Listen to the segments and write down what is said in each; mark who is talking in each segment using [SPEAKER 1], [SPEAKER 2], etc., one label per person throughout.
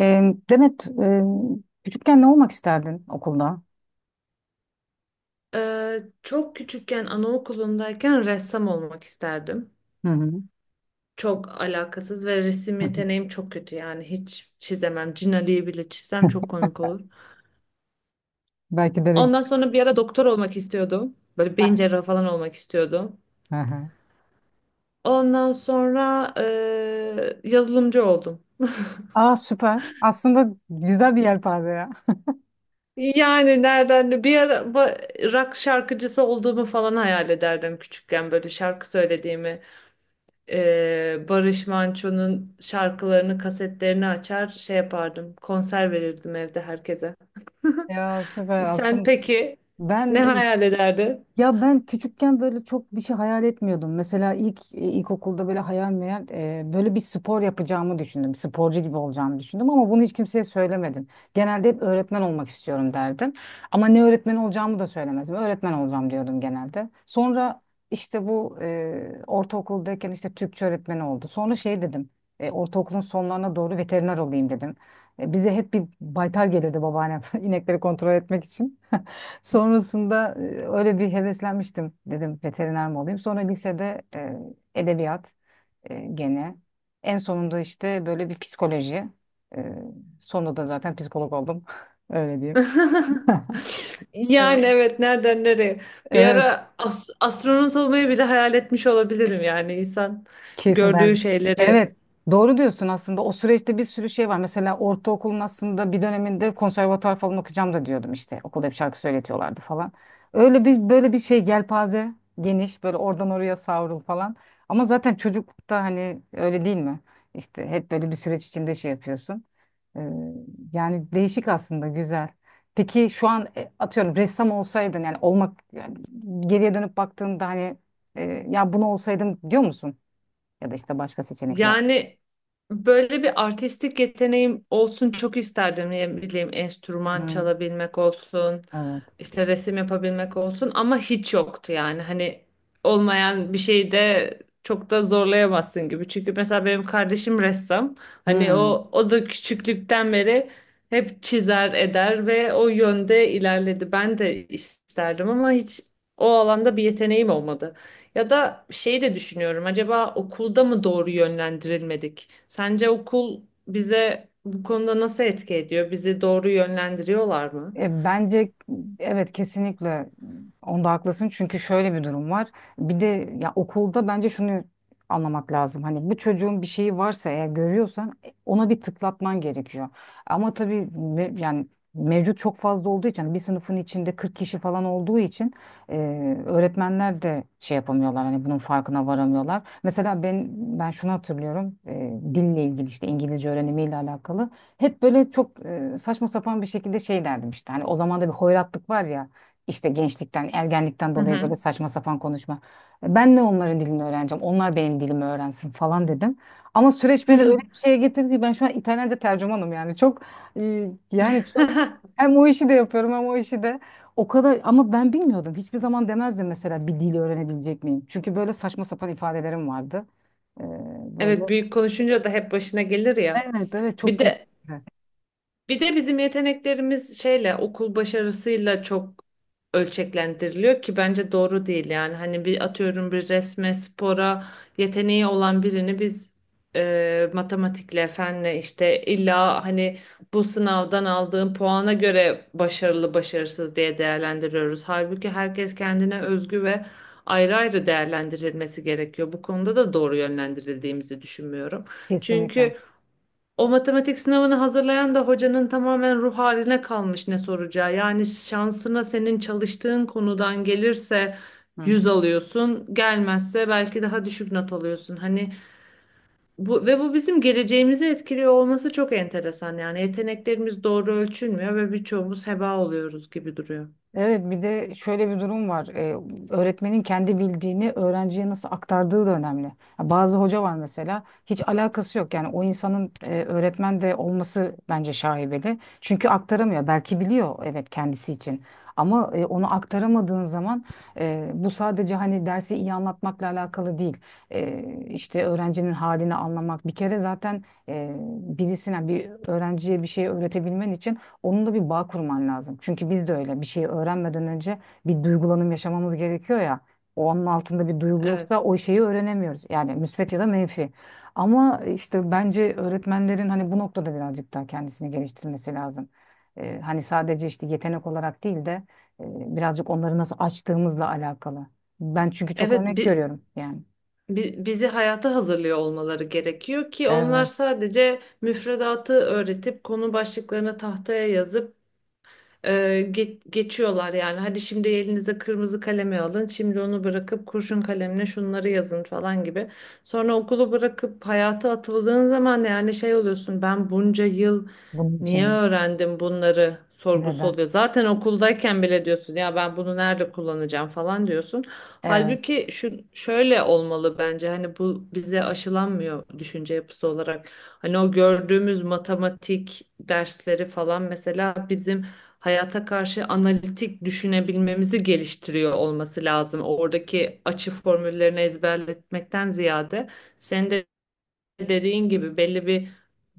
[SPEAKER 1] Demet, küçükken ne olmak isterdin okulda?
[SPEAKER 2] Çok küçükken anaokulundayken ressam olmak isterdim.
[SPEAKER 1] Hı hı.
[SPEAKER 2] Çok alakasız ve resim
[SPEAKER 1] Hı
[SPEAKER 2] yeteneğim çok kötü yani hiç çizemem. Cin Ali'yi bile
[SPEAKER 1] hı.
[SPEAKER 2] çizsem çok komik olur.
[SPEAKER 1] Belki de
[SPEAKER 2] Ondan
[SPEAKER 1] renk-
[SPEAKER 2] sonra bir ara doktor olmak istiyordum. Böyle beyin cerrahı falan olmak istiyordum.
[SPEAKER 1] Hı hı.
[SPEAKER 2] Ondan sonra yazılımcı oldum.
[SPEAKER 1] Aa, süper. Aslında güzel bir yelpaze ya.
[SPEAKER 2] Yani nereden bir ara rock şarkıcısı olduğumu falan hayal ederdim küçükken böyle şarkı söylediğimi. Barış Manço'nun şarkılarını, kasetlerini açar şey yapardım. Konser verirdim evde herkese.
[SPEAKER 1] Ya, süper
[SPEAKER 2] Sen
[SPEAKER 1] aslında.
[SPEAKER 2] peki ne
[SPEAKER 1] Ben
[SPEAKER 2] hayal ederdin?
[SPEAKER 1] Ya ben küçükken böyle çok bir şey hayal etmiyordum. Mesela ilk ilkokulda böyle hayal meyal böyle bir spor yapacağımı düşündüm. Sporcu gibi olacağımı düşündüm ama bunu hiç kimseye söylemedim. Genelde hep öğretmen olmak istiyorum derdim. Ama ne öğretmen olacağımı da söylemezdim. Öğretmen olacağım diyordum genelde. Sonra işte bu ortaokuldayken işte Türkçe öğretmeni oldu. Sonra şey dedim. Ortaokulun sonlarına doğru veteriner olayım dedim. Bize hep bir baytar gelirdi babaannem inekleri kontrol etmek için. Sonrasında öyle bir heveslenmiştim, dedim veteriner mi olayım. Sonra lisede edebiyat gene. En sonunda işte böyle bir psikoloji. E, Sonunda da zaten psikolog oldum. Öyle diyeyim.
[SPEAKER 2] Yani evet, nereden nereye? Bir
[SPEAKER 1] Evet.
[SPEAKER 2] ara astronot olmayı bile hayal etmiş olabilirim, yani insan
[SPEAKER 1] Kesin
[SPEAKER 2] gördüğü
[SPEAKER 1] ben.
[SPEAKER 2] şeyleri.
[SPEAKER 1] Evet, doğru diyorsun aslında. O süreçte bir sürü şey var. Mesela ortaokulun aslında bir döneminde konservatuvar falan okuyacağım da diyordum işte. Okulda bir şarkı söyletiyorlardı falan. Öyle bir, böyle bir şey yelpaze geniş, böyle oradan oraya savrul falan. Ama zaten çocuklukta hani öyle değil mi? İşte hep böyle bir süreç içinde şey yapıyorsun. Ee, Yani değişik aslında, güzel. Peki şu an atıyorum ressam olsaydın, yani olmak, yani geriye dönüp baktığında hani e, ya bunu olsaydım diyor musun? Ya da işte başka seçenekler.
[SPEAKER 2] Yani böyle bir artistik yeteneğim olsun çok isterdim. Ne bileyim
[SPEAKER 1] Hı
[SPEAKER 2] enstrüman
[SPEAKER 1] hı.
[SPEAKER 2] çalabilmek olsun,
[SPEAKER 1] Evet.
[SPEAKER 2] işte resim yapabilmek olsun, ama hiç yoktu yani. Hani olmayan bir şeyde çok da zorlayamazsın gibi. Çünkü mesela benim kardeşim ressam. Hani
[SPEAKER 1] Hı.
[SPEAKER 2] o da küçüklükten beri hep çizer eder ve o yönde ilerledi. Ben de isterdim ama hiç o alanda bir yeteneğim olmadı. Ya da şeyi de düşünüyorum. Acaba okulda mı doğru yönlendirilmedik? Sence okul bize bu konuda nasıl etki ediyor? Bizi doğru yönlendiriyorlar mı?
[SPEAKER 1] Bence evet, kesinlikle onda haklısın, çünkü şöyle bir durum var. Bir de ya okulda bence şunu anlamak lazım. Hani bu çocuğun bir şeyi varsa eğer, görüyorsan ona bir tıklatman gerekiyor. Ama tabii yani mevcut çok fazla olduğu için, hani bir sınıfın içinde 40 kişi falan olduğu için e, öğretmenler de şey yapamıyorlar. Hani bunun farkına varamıyorlar. Mesela ben şunu hatırlıyorum. Dille ilgili, işte İngilizce öğrenimiyle alakalı. Hep böyle çok saçma sapan bir şekilde şey derdim işte. Hani o zaman da bir hoyratlık var ya. İşte gençlikten, ergenlikten
[SPEAKER 2] Hı
[SPEAKER 1] dolayı böyle
[SPEAKER 2] hı.
[SPEAKER 1] saçma sapan konuşma. Ben ne onların dilini öğreneceğim, onlar benim dilimi öğrensin falan dedim. Ama süreç beni öyle bir şeye getirdi ki ben şu an İtalyanca tercümanım, yani. Çok yani çok, hem o işi de yapıyorum hem o işi de. O kadar, ama ben bilmiyordum. Hiçbir zaman demezdim, mesela bir dili öğrenebilecek miyim? Çünkü böyle saçma sapan ifadelerim vardı. E, Böyle.
[SPEAKER 2] Evet, büyük konuşunca da hep başına gelir ya.
[SPEAKER 1] Evet, evet, çok,
[SPEAKER 2] Bir de
[SPEAKER 1] kesinlikle.
[SPEAKER 2] Bir de bizim yeteneklerimiz şeyle, okul başarısıyla çok ölçeklendiriliyor ki bence doğru değil. Yani hani bir atıyorum, bir resme, spora yeteneği olan birini biz matematikle, fenle, işte illa hani bu sınavdan aldığın puana göre başarılı başarısız diye değerlendiriyoruz. Halbuki herkes kendine özgü ve ayrı ayrı değerlendirilmesi gerekiyor. Bu konuda da doğru yönlendirildiğimizi düşünmüyorum.
[SPEAKER 1] Kesinlikle.
[SPEAKER 2] Çünkü o matematik sınavını hazırlayan da hocanın tamamen ruh haline kalmış ne soracağı. Yani şansına senin çalıştığın konudan gelirse
[SPEAKER 1] Hı.
[SPEAKER 2] 100 alıyorsun, gelmezse belki daha düşük not alıyorsun. Hani bu ve bu bizim geleceğimizi etkiliyor olması çok enteresan. Yani yeteneklerimiz doğru ölçülmüyor ve birçoğumuz heba oluyoruz gibi duruyor.
[SPEAKER 1] Evet, bir de şöyle bir durum var. Öğretmenin kendi bildiğini öğrenciye nasıl aktardığı da önemli. Ya, bazı hoca var mesela, hiç alakası yok. Yani o insanın öğretmen de olması bence şaibeli. Çünkü aktaramıyor. Belki biliyor, evet, kendisi için. Ama onu aktaramadığın zaman bu sadece hani dersi iyi anlatmakla alakalı değil. E, işte öğrencinin halini anlamak. Bir kere zaten e, birisine, bir öğrenciye bir şey öğretebilmen için onun da bir bağ kurman lazım. Çünkü biz de öyle bir şeyi öğrenmeden önce bir duygulanım yaşamamız gerekiyor ya. O, onun altında bir duygu
[SPEAKER 2] Evet.
[SPEAKER 1] yoksa o şeyi öğrenemiyoruz. Yani müsbet ya da menfi. Ama işte bence öğretmenlerin hani bu noktada birazcık daha kendisini geliştirmesi lazım. Hani sadece işte yetenek olarak değil de birazcık onları nasıl açtığımızla alakalı. Ben çünkü çok
[SPEAKER 2] Evet,
[SPEAKER 1] örnek görüyorum yani.
[SPEAKER 2] bizi hayata hazırlıyor olmaları gerekiyor ki, onlar
[SPEAKER 1] Evet,
[SPEAKER 2] sadece müfredatı öğretip konu başlıklarını tahtaya yazıp Ee, geçiyorlar yani. Hadi şimdi elinize kırmızı kalemi alın. Şimdi onu bırakıp kurşun kalemle şunları yazın falan gibi. Sonra okulu bırakıp hayata atıldığın zaman yani şey oluyorsun. Ben bunca yıl
[SPEAKER 1] bunun
[SPEAKER 2] niye
[SPEAKER 1] için de.
[SPEAKER 2] öğrendim bunları sorgusu
[SPEAKER 1] Neden?
[SPEAKER 2] oluyor. Zaten okuldayken bile diyorsun ya, ben bunu nerede kullanacağım falan diyorsun.
[SPEAKER 1] Evet.
[SPEAKER 2] Halbuki şu şöyle olmalı bence, hani bu bize aşılanmıyor düşünce yapısı olarak. Hani o gördüğümüz matematik dersleri falan mesela bizim hayata karşı analitik düşünebilmemizi geliştiriyor olması lazım. Oradaki açı formüllerini ezberletmekten ziyade, senin de dediğin gibi belli bir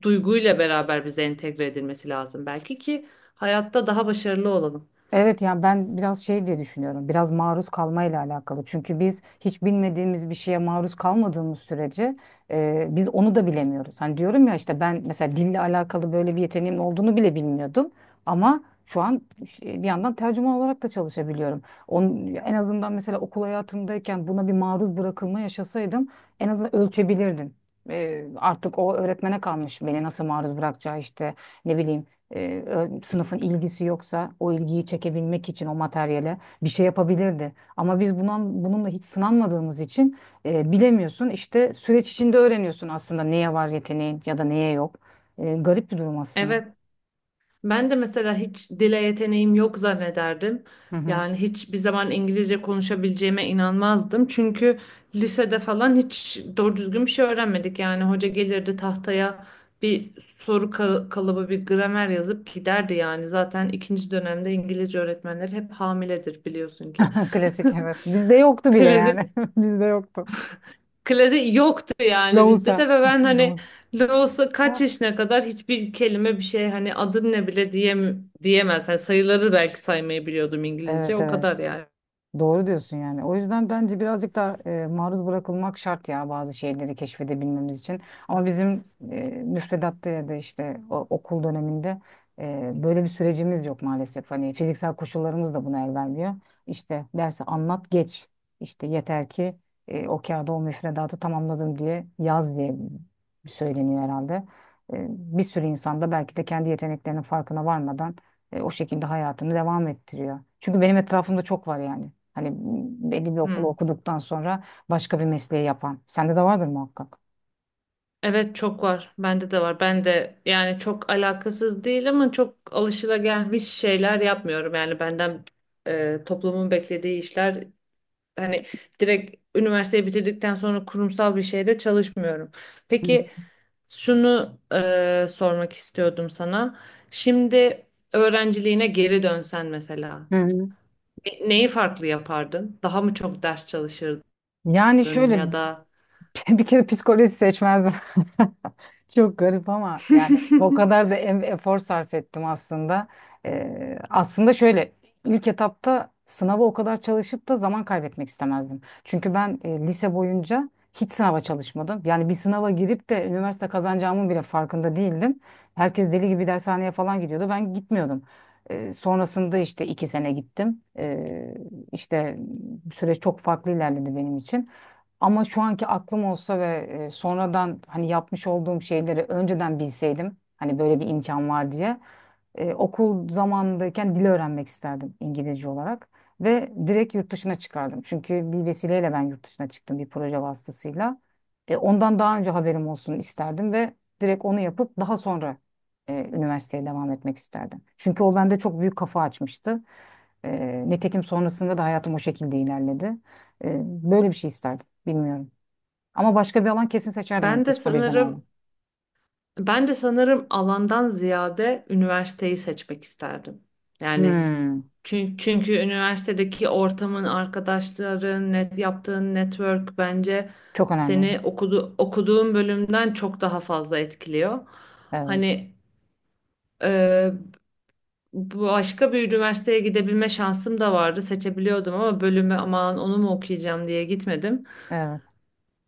[SPEAKER 2] duyguyla beraber bize entegre edilmesi lazım belki ki hayatta daha başarılı olalım.
[SPEAKER 1] Evet, yani ben biraz şey diye düşünüyorum. Biraz maruz kalmayla alakalı. Çünkü biz hiç bilmediğimiz bir şeye maruz kalmadığımız sürece biz onu da bilemiyoruz. Hani diyorum ya, işte ben mesela dille alakalı böyle bir yeteneğim olduğunu bile bilmiyordum. Ama şu an bir yandan tercüman olarak da çalışabiliyorum. Onun, en azından mesela okul hayatımdayken buna bir maruz bırakılma yaşasaydım, en azından ölçebilirdim. Artık o öğretmene kalmış beni nasıl maruz bırakacağı, işte ne bileyim, sınıfın ilgisi yoksa o ilgiyi çekebilmek için o materyale bir şey yapabilirdi. Ama biz bununla hiç sınanmadığımız için bilemiyorsun. İşte süreç içinde öğreniyorsun aslında neye var yeteneğin ya da neye yok. Garip bir durum aslında.
[SPEAKER 2] Evet, ben de mesela hiç dile yeteneğim yok zannederdim.
[SPEAKER 1] Hı hı.
[SPEAKER 2] Yani hiçbir zaman İngilizce konuşabileceğime inanmazdım. Çünkü lisede falan hiç doğru düzgün bir şey öğrenmedik. Yani hoca gelirdi tahtaya bir kalıbı, bir gramer yazıp giderdi yani. Zaten ikinci dönemde İngilizce öğretmenleri hep hamiledir, biliyorsun ki.
[SPEAKER 1] Klasik, evet. Bizde yoktu bile yani.
[SPEAKER 2] Klasik.
[SPEAKER 1] Bizde yoktu.
[SPEAKER 2] Klasik yoktu yani bizde
[SPEAKER 1] Loğusa.
[SPEAKER 2] de, ve ben hani
[SPEAKER 1] Loğusa.
[SPEAKER 2] Los'a kaç yaşına kadar hiçbir kelime, bir şey, hani adın ne bile diyemez. Hani sayıları belki saymayı biliyordum İngilizce,
[SPEAKER 1] Evet,
[SPEAKER 2] o
[SPEAKER 1] evet.
[SPEAKER 2] kadar yani.
[SPEAKER 1] Doğru diyorsun yani. O yüzden bence birazcık da maruz bırakılmak şart ya, bazı şeyleri keşfedebilmemiz için. Ama bizim müfredatta ya da işte okul döneminde böyle bir sürecimiz yok maalesef. Hani fiziksel koşullarımız da buna el vermiyor. İşte dersi anlat, geç. İşte yeter ki o kağıda o müfredatı tamamladım diye yaz diye söyleniyor herhalde. Bir sürü insan da belki de kendi yeteneklerinin farkına varmadan o şekilde hayatını devam ettiriyor. Çünkü benim etrafımda çok var yani. Hani belli bir okulu
[SPEAKER 2] Hmm.
[SPEAKER 1] okuduktan sonra başka bir mesleği yapan. Sende de vardır muhakkak.
[SPEAKER 2] Evet, çok var. Bende de var. Ben de yani çok alakasız değil ama çok alışılagelmiş şeyler yapmıyorum. Yani benden toplumun beklediği işler, hani direkt üniversiteyi bitirdikten sonra kurumsal bir şeyde çalışmıyorum.
[SPEAKER 1] Hı hı.
[SPEAKER 2] Peki şunu sormak istiyordum sana. Şimdi öğrenciliğine geri dönsen mesela,
[SPEAKER 1] Hı hı.
[SPEAKER 2] neyi farklı yapardın? Daha mı çok ders çalışırdın
[SPEAKER 1] Yani şöyle.
[SPEAKER 2] ya da
[SPEAKER 1] Bir kere psikoloji seçmezdim. Çok garip ama yani o kadar da efor sarf ettim aslında. Aslında şöyle, ilk etapta sınava o kadar çalışıp da zaman kaybetmek istemezdim. Çünkü ben lise boyunca hiç sınava çalışmadım. Yani bir sınava girip de üniversite kazanacağımın bile farkında değildim. Herkes deli gibi dershaneye falan gidiyordu. Ben gitmiyordum. Sonrasında işte 2 sene gittim. İşte süreç çok farklı ilerledi benim için. Ama şu anki aklım olsa ve sonradan hani yapmış olduğum şeyleri önceden bilseydim, hani böyle bir imkan var diye, okul zamanındayken dil öğrenmek isterdim, İngilizce olarak, ve direkt yurt dışına çıkardım. Çünkü bir vesileyle ben yurt dışına çıktım, bir proje vasıtasıyla. Ondan daha önce haberim olsun isterdim ve direkt onu yapıp daha sonra üniversiteye devam etmek isterdim. Çünkü o bende çok büyük kafa açmıştı. Nitekim sonrasında da hayatım o şekilde ilerledi. Böyle bir şey isterdim. Bilmiyorum. Ama başka bir alan kesin seçerdim ben,
[SPEAKER 2] ben de
[SPEAKER 1] psikolojiden ayrı.
[SPEAKER 2] sanırım ben de sanırım alandan ziyade üniversiteyi seçmek isterdim. Yani
[SPEAKER 1] Hmm,
[SPEAKER 2] çünkü üniversitedeki ortamın, arkadaşların, net yaptığın network bence
[SPEAKER 1] çok önemli bu.
[SPEAKER 2] seni okuduğun bölümden çok daha fazla etkiliyor.
[SPEAKER 1] Evet,
[SPEAKER 2] Hani Ee, başka bir üniversiteye gidebilme şansım da vardı. Seçebiliyordum ama bölümü, aman onu mu okuyacağım diye gitmedim.
[SPEAKER 1] evet.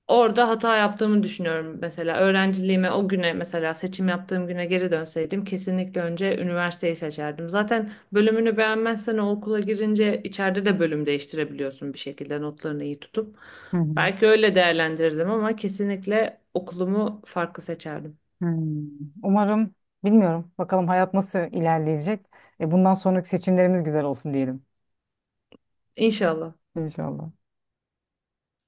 [SPEAKER 2] Orada hata yaptığımı düşünüyorum mesela. Öğrenciliğime o güne, mesela seçim yaptığım güne geri dönseydim, kesinlikle önce üniversiteyi seçerdim. Zaten bölümünü beğenmezsen o okula girince içeride de bölüm değiştirebiliyorsun bir şekilde, notlarını iyi tutup.
[SPEAKER 1] Hı hı.
[SPEAKER 2] Belki öyle değerlendirirdim ama kesinlikle okulumu farklı seçerdim.
[SPEAKER 1] Hmm. Umarım, bilmiyorum. Bakalım hayat nasıl ilerleyecek. Bundan sonraki seçimlerimiz güzel olsun diyelim.
[SPEAKER 2] İnşallah.
[SPEAKER 1] İnşallah.